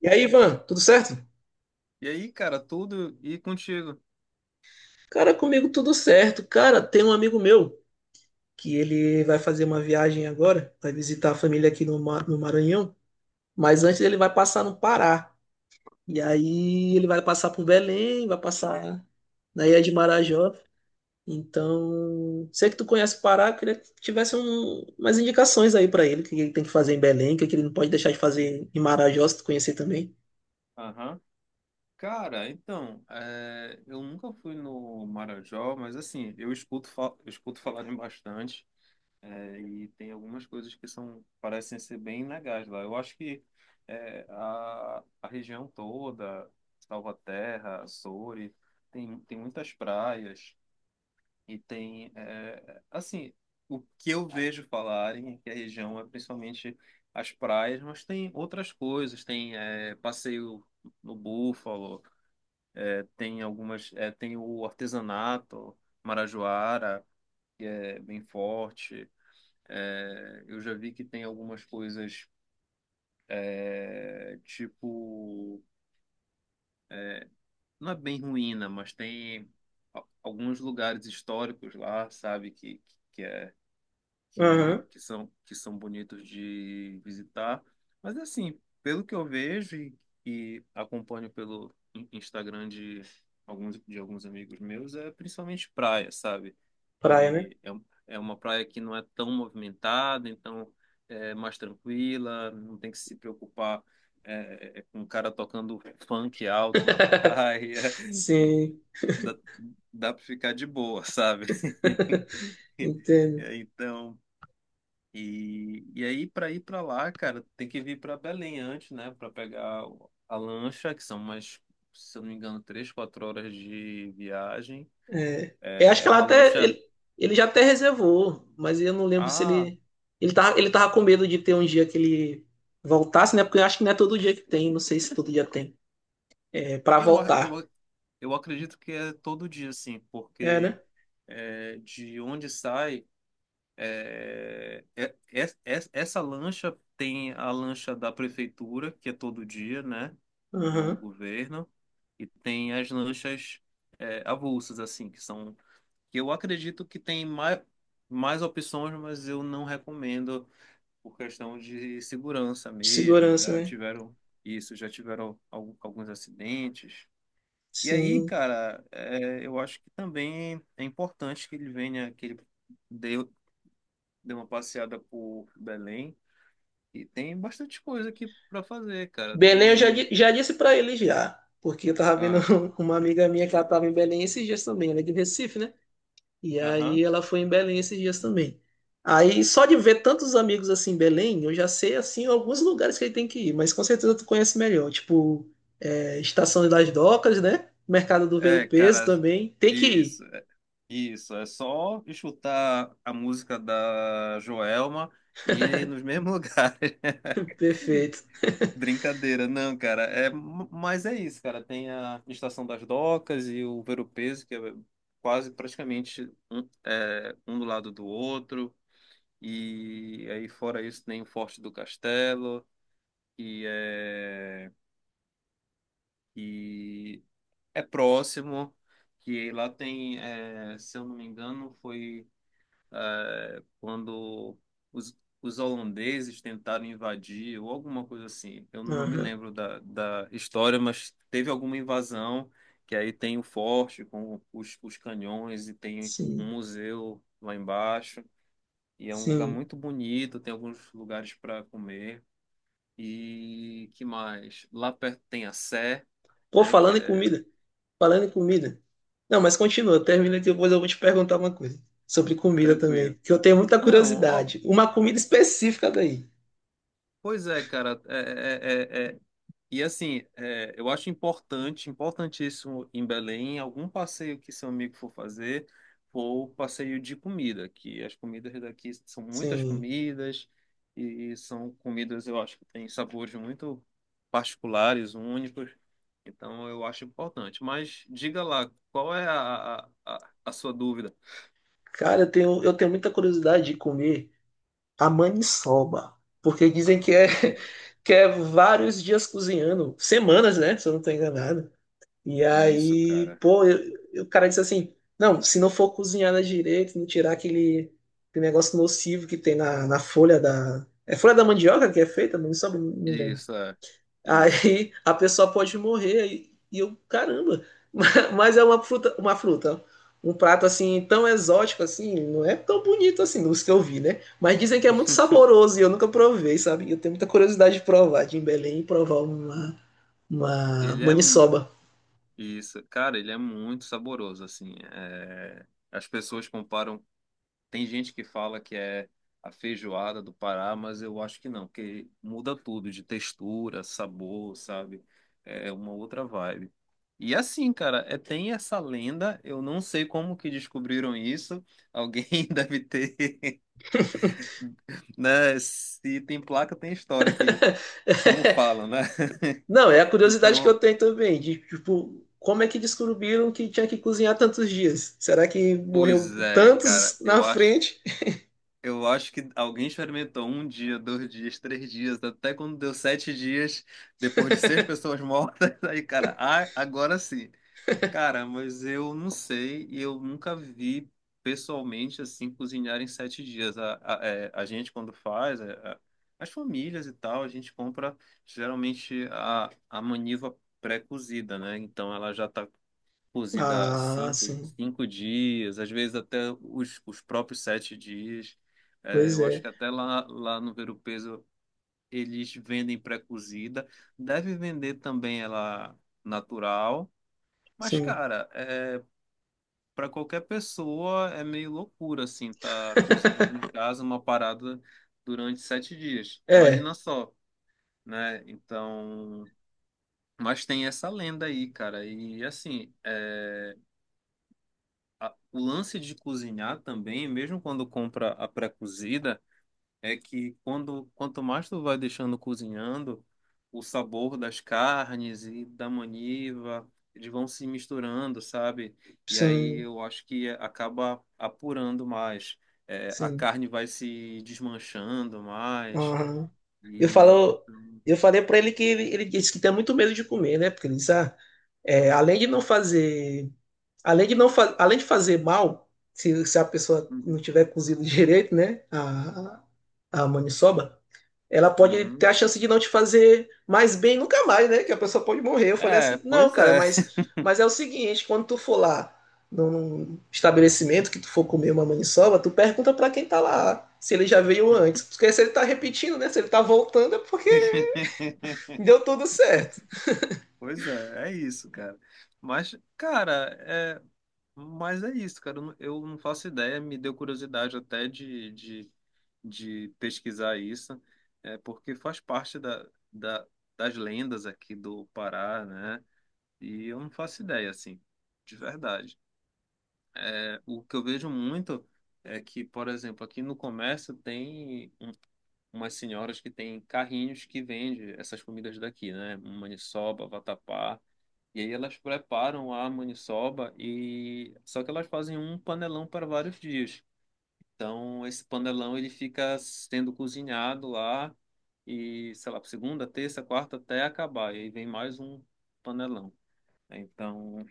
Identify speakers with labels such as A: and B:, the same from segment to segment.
A: E aí, Ivan, tudo certo?
B: E aí, cara, tudo e contigo?
A: Cara, comigo tudo certo. Cara, tem um amigo meu que ele vai fazer uma viagem agora, vai visitar a família aqui no, no Maranhão, mas antes ele vai passar no Pará. E aí ele vai passar por Belém, vai passar na Ilha de Marajó. Então, sei que tu conhece o Pará, eu queria que tivesse umas indicações aí pra ele, o que ele tem que fazer em Belém, o que ele não pode deixar de fazer em Marajó, se tu conhecer também.
B: Aham. Cara, então, eu nunca fui no Marajó, mas assim, eu escuto falarem bastante, e tem algumas coisas que são, parecem ser bem legais lá. Eu acho que a região toda, Salvaterra, Açores, tem muitas praias. Assim, o que eu vejo falarem é que a região é principalmente as praias, mas tem outras coisas, tem passeio no Búfalo, tem o artesanato, Marajoara, é bem forte. Eu já vi que tem algumas coisas, tipo, não é bem ruína, mas tem alguns lugares históricos lá, sabe, que é
A: Aham,
B: que são bonitos de visitar. Mas assim, pelo que eu vejo e acompanho pelo Instagram de alguns amigos meus, é principalmente praia, sabe?
A: praia, né?
B: É uma praia que não é tão movimentada, então é mais tranquila, não tem que se preocupar com um cara tocando funk alto na praia.
A: Sim,
B: Dá, dá para ficar de boa, sabe?
A: entendo.
B: Então, e aí, para ir para lá, cara, tem que vir para Belém antes, né? Para pegar a lancha, que são umas, se eu não me engano, 3, 4 horas de viagem.
A: É, eu acho
B: É,
A: que
B: é uma lancha.
A: ele já até reservou, mas eu não lembro se
B: Ah,
A: ele ele tava com medo de ter um dia que ele voltasse, né? Porque eu acho que não é todo dia que tem, não sei se todo dia tem. É para
B: eu, a- eu,
A: voltar.
B: a- eu acredito que é todo dia, assim,
A: É,
B: porque
A: né?
B: de onde sai. Essa lancha tem a lancha da prefeitura, que é todo dia, né? Do
A: Aham.
B: governo, e tem as lanchas avulsas, assim, que eu acredito que tem mais opções, mas eu não recomendo por questão de segurança
A: De
B: mesmo.
A: segurança, né?
B: Já tiveram alguns acidentes. E aí,
A: Sim.
B: cara, eu acho que também é importante que ele venha, que ele dê, dê uma passeada por Belém. E tem bastante coisa aqui para fazer, cara.
A: Belém eu já,
B: Tem.
A: já disse para ele já, porque eu tava vendo
B: Aham.
A: uma amiga minha que ela tava em Belém esses dias também, ela é de Recife, né? E aí
B: Aham.
A: ela foi em Belém esses dias também. Aí só de ver tantos amigos assim em Belém, eu já sei assim alguns lugares que ele tem que ir, mas com certeza tu conhece melhor, tipo é, Estação das Docas, né? Mercado do Velo
B: É,
A: Peso
B: cara,
A: também, tem que
B: isso.
A: ir.
B: Isso, é só escutar a música da Joelma e ir nos mesmos lugares.
A: Perfeito.
B: Brincadeira, não, cara. É, mas é isso, cara. Tem a Estação das Docas e o Ver-o-Peso, que é quase praticamente um do lado do outro. E aí, fora isso, tem o Forte do Castelo, que é, que é próximo. Que lá tem, se eu não me engano, quando os, os holandeses tentaram invadir ou alguma coisa assim. Eu não me
A: Aham.
B: lembro da história, mas teve alguma invasão que aí tem o forte com os canhões e tem um
A: Sim,
B: museu lá embaixo. E é um lugar
A: sim.
B: muito bonito, tem alguns lugares para comer. E que mais? Lá perto tem a Sé,
A: Pô,
B: né, que
A: falando em
B: é
A: comida, falando em comida. Não, mas continua, termina e depois eu vou te perguntar uma coisa sobre comida
B: tranquilo.
A: também, que eu tenho muita
B: Não, ó,
A: curiosidade. Uma comida específica daí.
B: pois é, cara, é, é, é, e assim, eu acho importante, importantíssimo em Belém, algum passeio que seu amigo for fazer, for passeio de comida, que as comidas daqui são muitas
A: Sim.
B: comidas e são comidas, eu acho que têm sabores muito particulares, únicos. Então eu acho importante. Mas diga lá, qual é a sua dúvida?
A: Cara, eu tenho muita curiosidade de comer a maniçoba, porque dizem
B: Ah,
A: que é,
B: pode crer.
A: que é vários dias cozinhando, semanas, né? Se eu não estou enganado. E
B: Isso,
A: aí,
B: cara.
A: pô, o cara disse assim: não, se não for cozinhada direito, não tirar aquele, aquele negócio nocivo que tem na folha da. É folha da mandioca que é feita? Não me sabe, não lembro.
B: Isso, é. Isso.
A: Aí a pessoa pode morrer e eu, caramba, mas é uma fruta, um prato assim tão exótico assim, não é tão bonito assim, dos que eu vi, né? Mas dizem que é muito saboroso e eu nunca provei, sabe? Eu tenho muita curiosidade de provar, de ir em Belém e provar uma
B: Ele é.
A: maniçoba.
B: Isso, cara, ele é muito saboroso, assim. As pessoas comparam. Tem gente que fala que é a feijoada do Pará, mas eu acho que não, porque muda tudo de textura, sabor, sabe? É uma outra vibe. E assim, cara, tem essa lenda. Eu não sei como que descobriram isso. Alguém deve ter, né? Se tem placa, tem história que, como falam, né?
A: Não, é a curiosidade que eu
B: Então,
A: tenho também, de tipo, como é que descobriram que tinha que cozinhar tantos dias? Será que morreu
B: pois é, cara,
A: tantos
B: eu
A: na
B: acho.
A: frente?
B: Eu acho que alguém experimentou um dia, 2 dias, 3 dias, até quando deu 7 dias, depois de seis pessoas mortas, aí, cara, ah, agora sim. Cara, mas eu não sei e eu nunca vi pessoalmente assim cozinhar em 7 dias. A gente, quando faz, as famílias e tal, a gente compra geralmente a maniva pré-cozida, né? Então ela já tá cozida
A: Ah,
B: cinco,
A: sim.
B: cinco dias, às vezes até os próprios 7 dias. É,
A: Pois
B: eu acho
A: é.
B: que até lá no Ver o Peso eles vendem pré-cozida. Deve vender também ela natural. Mas,
A: Sim.
B: cara, para qualquer pessoa é meio loucura, assim, tá cozinhando em casa uma parada durante 7 dias.
A: É,
B: Imagina só, né? Então. Mas tem essa lenda aí, cara. E assim, o lance de cozinhar também, mesmo quando compra a pré-cozida, é que quanto mais tu vai deixando cozinhando, o sabor das carnes e da maniva, eles vão se misturando, sabe? E aí
A: sim,
B: eu acho que acaba apurando mais. É, a
A: sim.
B: carne vai se desmanchando mais.
A: Aham. Eu
B: E,
A: falo,
B: então,
A: eu falei pra ele que ele disse que tem muito medo de comer, né? Porque ele disse, ah, é, além de não fazer, além de não fa- além de fazer mal, se a pessoa não
B: uhum,
A: tiver cozido direito, né? A maniçoba, ela pode ter
B: uhum.
A: a chance de não te fazer mais bem nunca mais, né? Que a pessoa pode morrer. Eu falei
B: É,
A: assim, não,
B: pois
A: cara,
B: é.
A: mas é o seguinte, quando tu for lá num estabelecimento que tu for comer uma maniçoba, tu pergunta pra quem tá lá se ele já veio antes. Porque se ele tá repetindo, né? Se ele tá voltando é porque deu tudo certo.
B: Pois é, é isso, cara. Mas, cara, mas é isso, cara. Eu não faço ideia, me deu curiosidade até de pesquisar isso, porque faz parte das lendas aqui do Pará, né? E eu não faço ideia, assim, de verdade. É, o que eu vejo muito é que, por exemplo, aqui no comércio tem umas senhoras que têm carrinhos que vendem essas comidas daqui, né? Maniçoba, vatapá. E aí elas preparam a maniçoba e só que elas fazem um panelão para vários dias. Então esse panelão ele fica sendo cozinhado lá e sei lá, segunda, terça, quarta até acabar. E aí vem mais um panelão. Né? Então,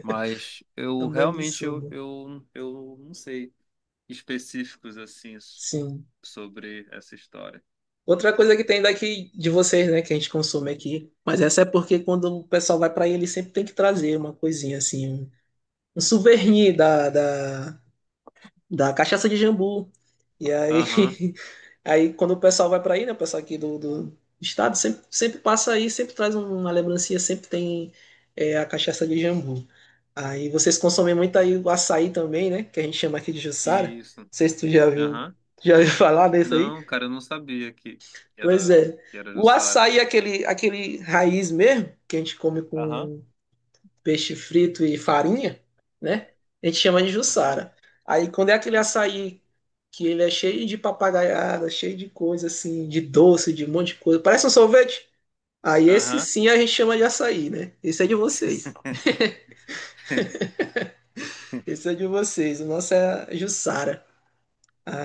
B: mas
A: A
B: eu realmente
A: maniçoba,
B: eu não sei específicos assim
A: sim.
B: sobre essa história.
A: Outra coisa que tem daqui de vocês, né, que a gente consome aqui, mas essa é porque quando o pessoal vai pra aí, ele sempre tem que trazer uma coisinha assim, um souvenir da cachaça de jambu. E aí,
B: Aham,
A: aí quando o pessoal vai para aí, né? O pessoal aqui do, do estado sempre, sempre passa aí, sempre traz um, uma lembrancinha, sempre tem é, a cachaça de jambu. Aí vocês consomem muito aí o açaí também, né? Que a gente chama aqui de Jussara. Não
B: isso.
A: sei se tu já viu,
B: Aham.
A: já ouviu falar desse aí.
B: Não, cara, eu não sabia que
A: Pois
B: era
A: é.
B: que era
A: O
B: Jussara.
A: açaí é aquele, aquele raiz mesmo, que a gente come
B: Aham.
A: com peixe frito e farinha, né? A gente chama de
B: Aham.
A: Jussara. Aí quando é aquele
B: Opa.
A: açaí que ele é cheio de papagaiada, cheio de coisa assim, de doce, de um monte de coisa, parece um sorvete. Aí esse
B: Aham.
A: sim a gente chama de açaí, né? Esse é de vocês. Esse é de vocês. O nosso é Jussara.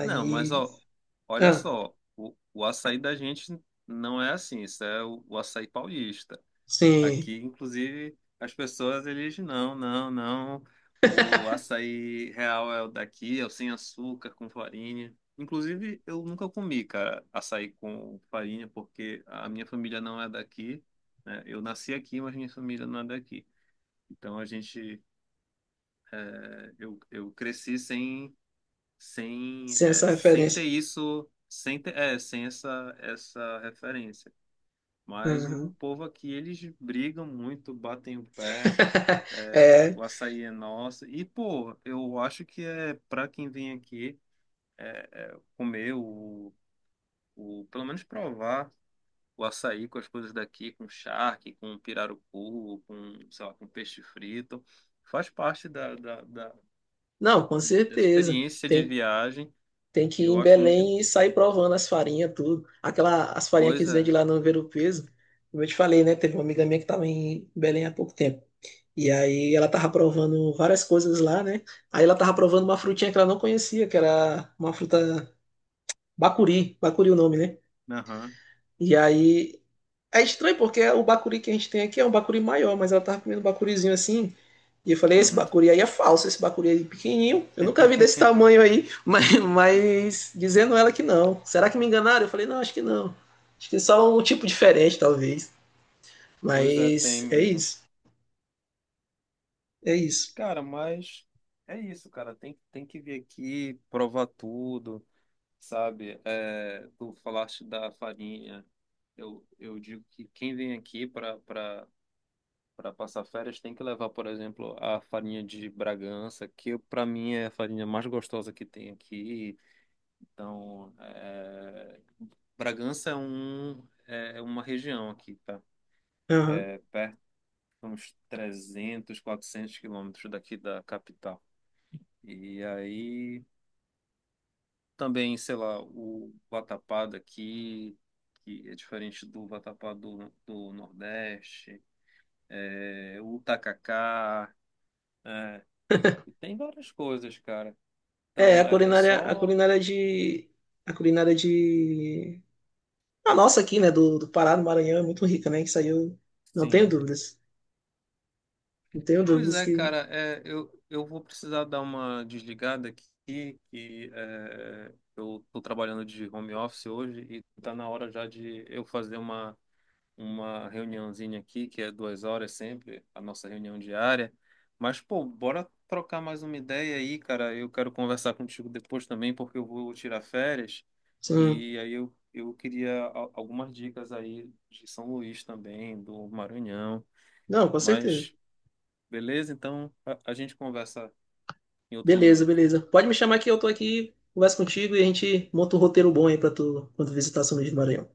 B: Não, mas ó, olha
A: Ah,
B: só, o açaí da gente não é assim, isso é o açaí paulista.
A: sim,
B: Aqui, inclusive, as pessoas eles não, não, não. O açaí real é o daqui, é o sem açúcar, com farinha. Inclusive, eu nunca comi, cara, açaí com farinha, porque a minha família não é daqui, né? Eu nasci aqui, mas minha família não é daqui. Então a gente, eh, eu cresci sem sem,
A: sem essa
B: é, sem ter
A: referência.
B: isso, sem ter, sem essa referência. Mas o
A: Uhum.
B: povo aqui, eles brigam muito, batem o pé, é,
A: É,
B: o açaí é nosso. E, pô, eu acho que é para quem vem aqui comer pelo menos provar o açaí com as coisas daqui, com charque, com pirarucu, com, sei lá, com peixe frito. Faz parte
A: não, com
B: dessa
A: certeza.
B: experiência de
A: Tem,
B: viagem.
A: tem que ir
B: Eu
A: em
B: acho muito
A: Belém e sair provando as farinhas, tudo. Aquela, as farinhas que eles vendem
B: coisa.
A: lá no Ver o Peso. Como eu te falei, né? Teve uma amiga minha que estava em Belém há pouco tempo. E aí ela tava provando várias coisas lá, né? Aí ela tava provando uma frutinha que ela não conhecia, que era uma fruta bacuri, bacuri o nome, né?
B: Aham,
A: E aí é estranho porque o bacuri que a gente tem aqui é um bacuri maior, mas ela tava comendo um bacurizinho assim, e eu falei, esse
B: uhum.
A: bacuri aí é falso, esse bacuri aí é pequenininho, eu nunca vi desse tamanho aí, mas dizendo ela que não. Será que me enganaram? Eu falei, não, acho que não. Acho que é só um tipo diferente, talvez.
B: Pois é, tem
A: Mas é
B: mesmo.
A: isso, é isso.
B: Cara, mas é isso, cara. Tem que vir aqui, provar tudo, sabe? É, tu falaste da farinha. Eu digo que quem vem aqui para passar férias tem que levar, por exemplo, a farinha de Bragança, que para mim é a farinha mais gostosa que tem aqui. Então, Bragança é uma região aqui, tá?
A: Aham.
B: É, uns 300, 400 quilômetros daqui da capital. E aí também, sei lá, o Vatapá daqui, que é diferente do Vatapá do Nordeste, o Tacacá, é, e tem várias coisas, cara.
A: É,
B: Então é só,
A: a culinária de, a nossa aqui, né, do, do Pará, do Maranhão, é muito rica, né, que saiu, não tenho
B: sim.
A: dúvidas, não tenho
B: Pois
A: dúvidas
B: é,
A: que,
B: cara, eu vou precisar dar uma desligada aqui, eu tô trabalhando de home office hoje e tá na hora já de eu fazer uma reuniãozinha aqui, que é 2 horas sempre, a nossa reunião diária. Mas, pô, bora trocar mais uma ideia aí, cara. Eu quero conversar contigo depois também, porque eu vou tirar férias.
A: sim,
B: E aí eu queria algumas dicas aí de São Luís também, do Maranhão.
A: não, com certeza.
B: Mas, beleza? Então a gente conversa em outro
A: Beleza,
B: momento.
A: beleza. Pode me chamar que eu tô aqui, converso contigo e a gente monta um roteiro bom aí pra tu quando visitar São Luís do Maranhão.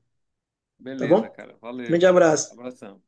A: Tá
B: Beleza,
A: bom?
B: cara.
A: Grande
B: Valeu.
A: abraço.
B: Abração.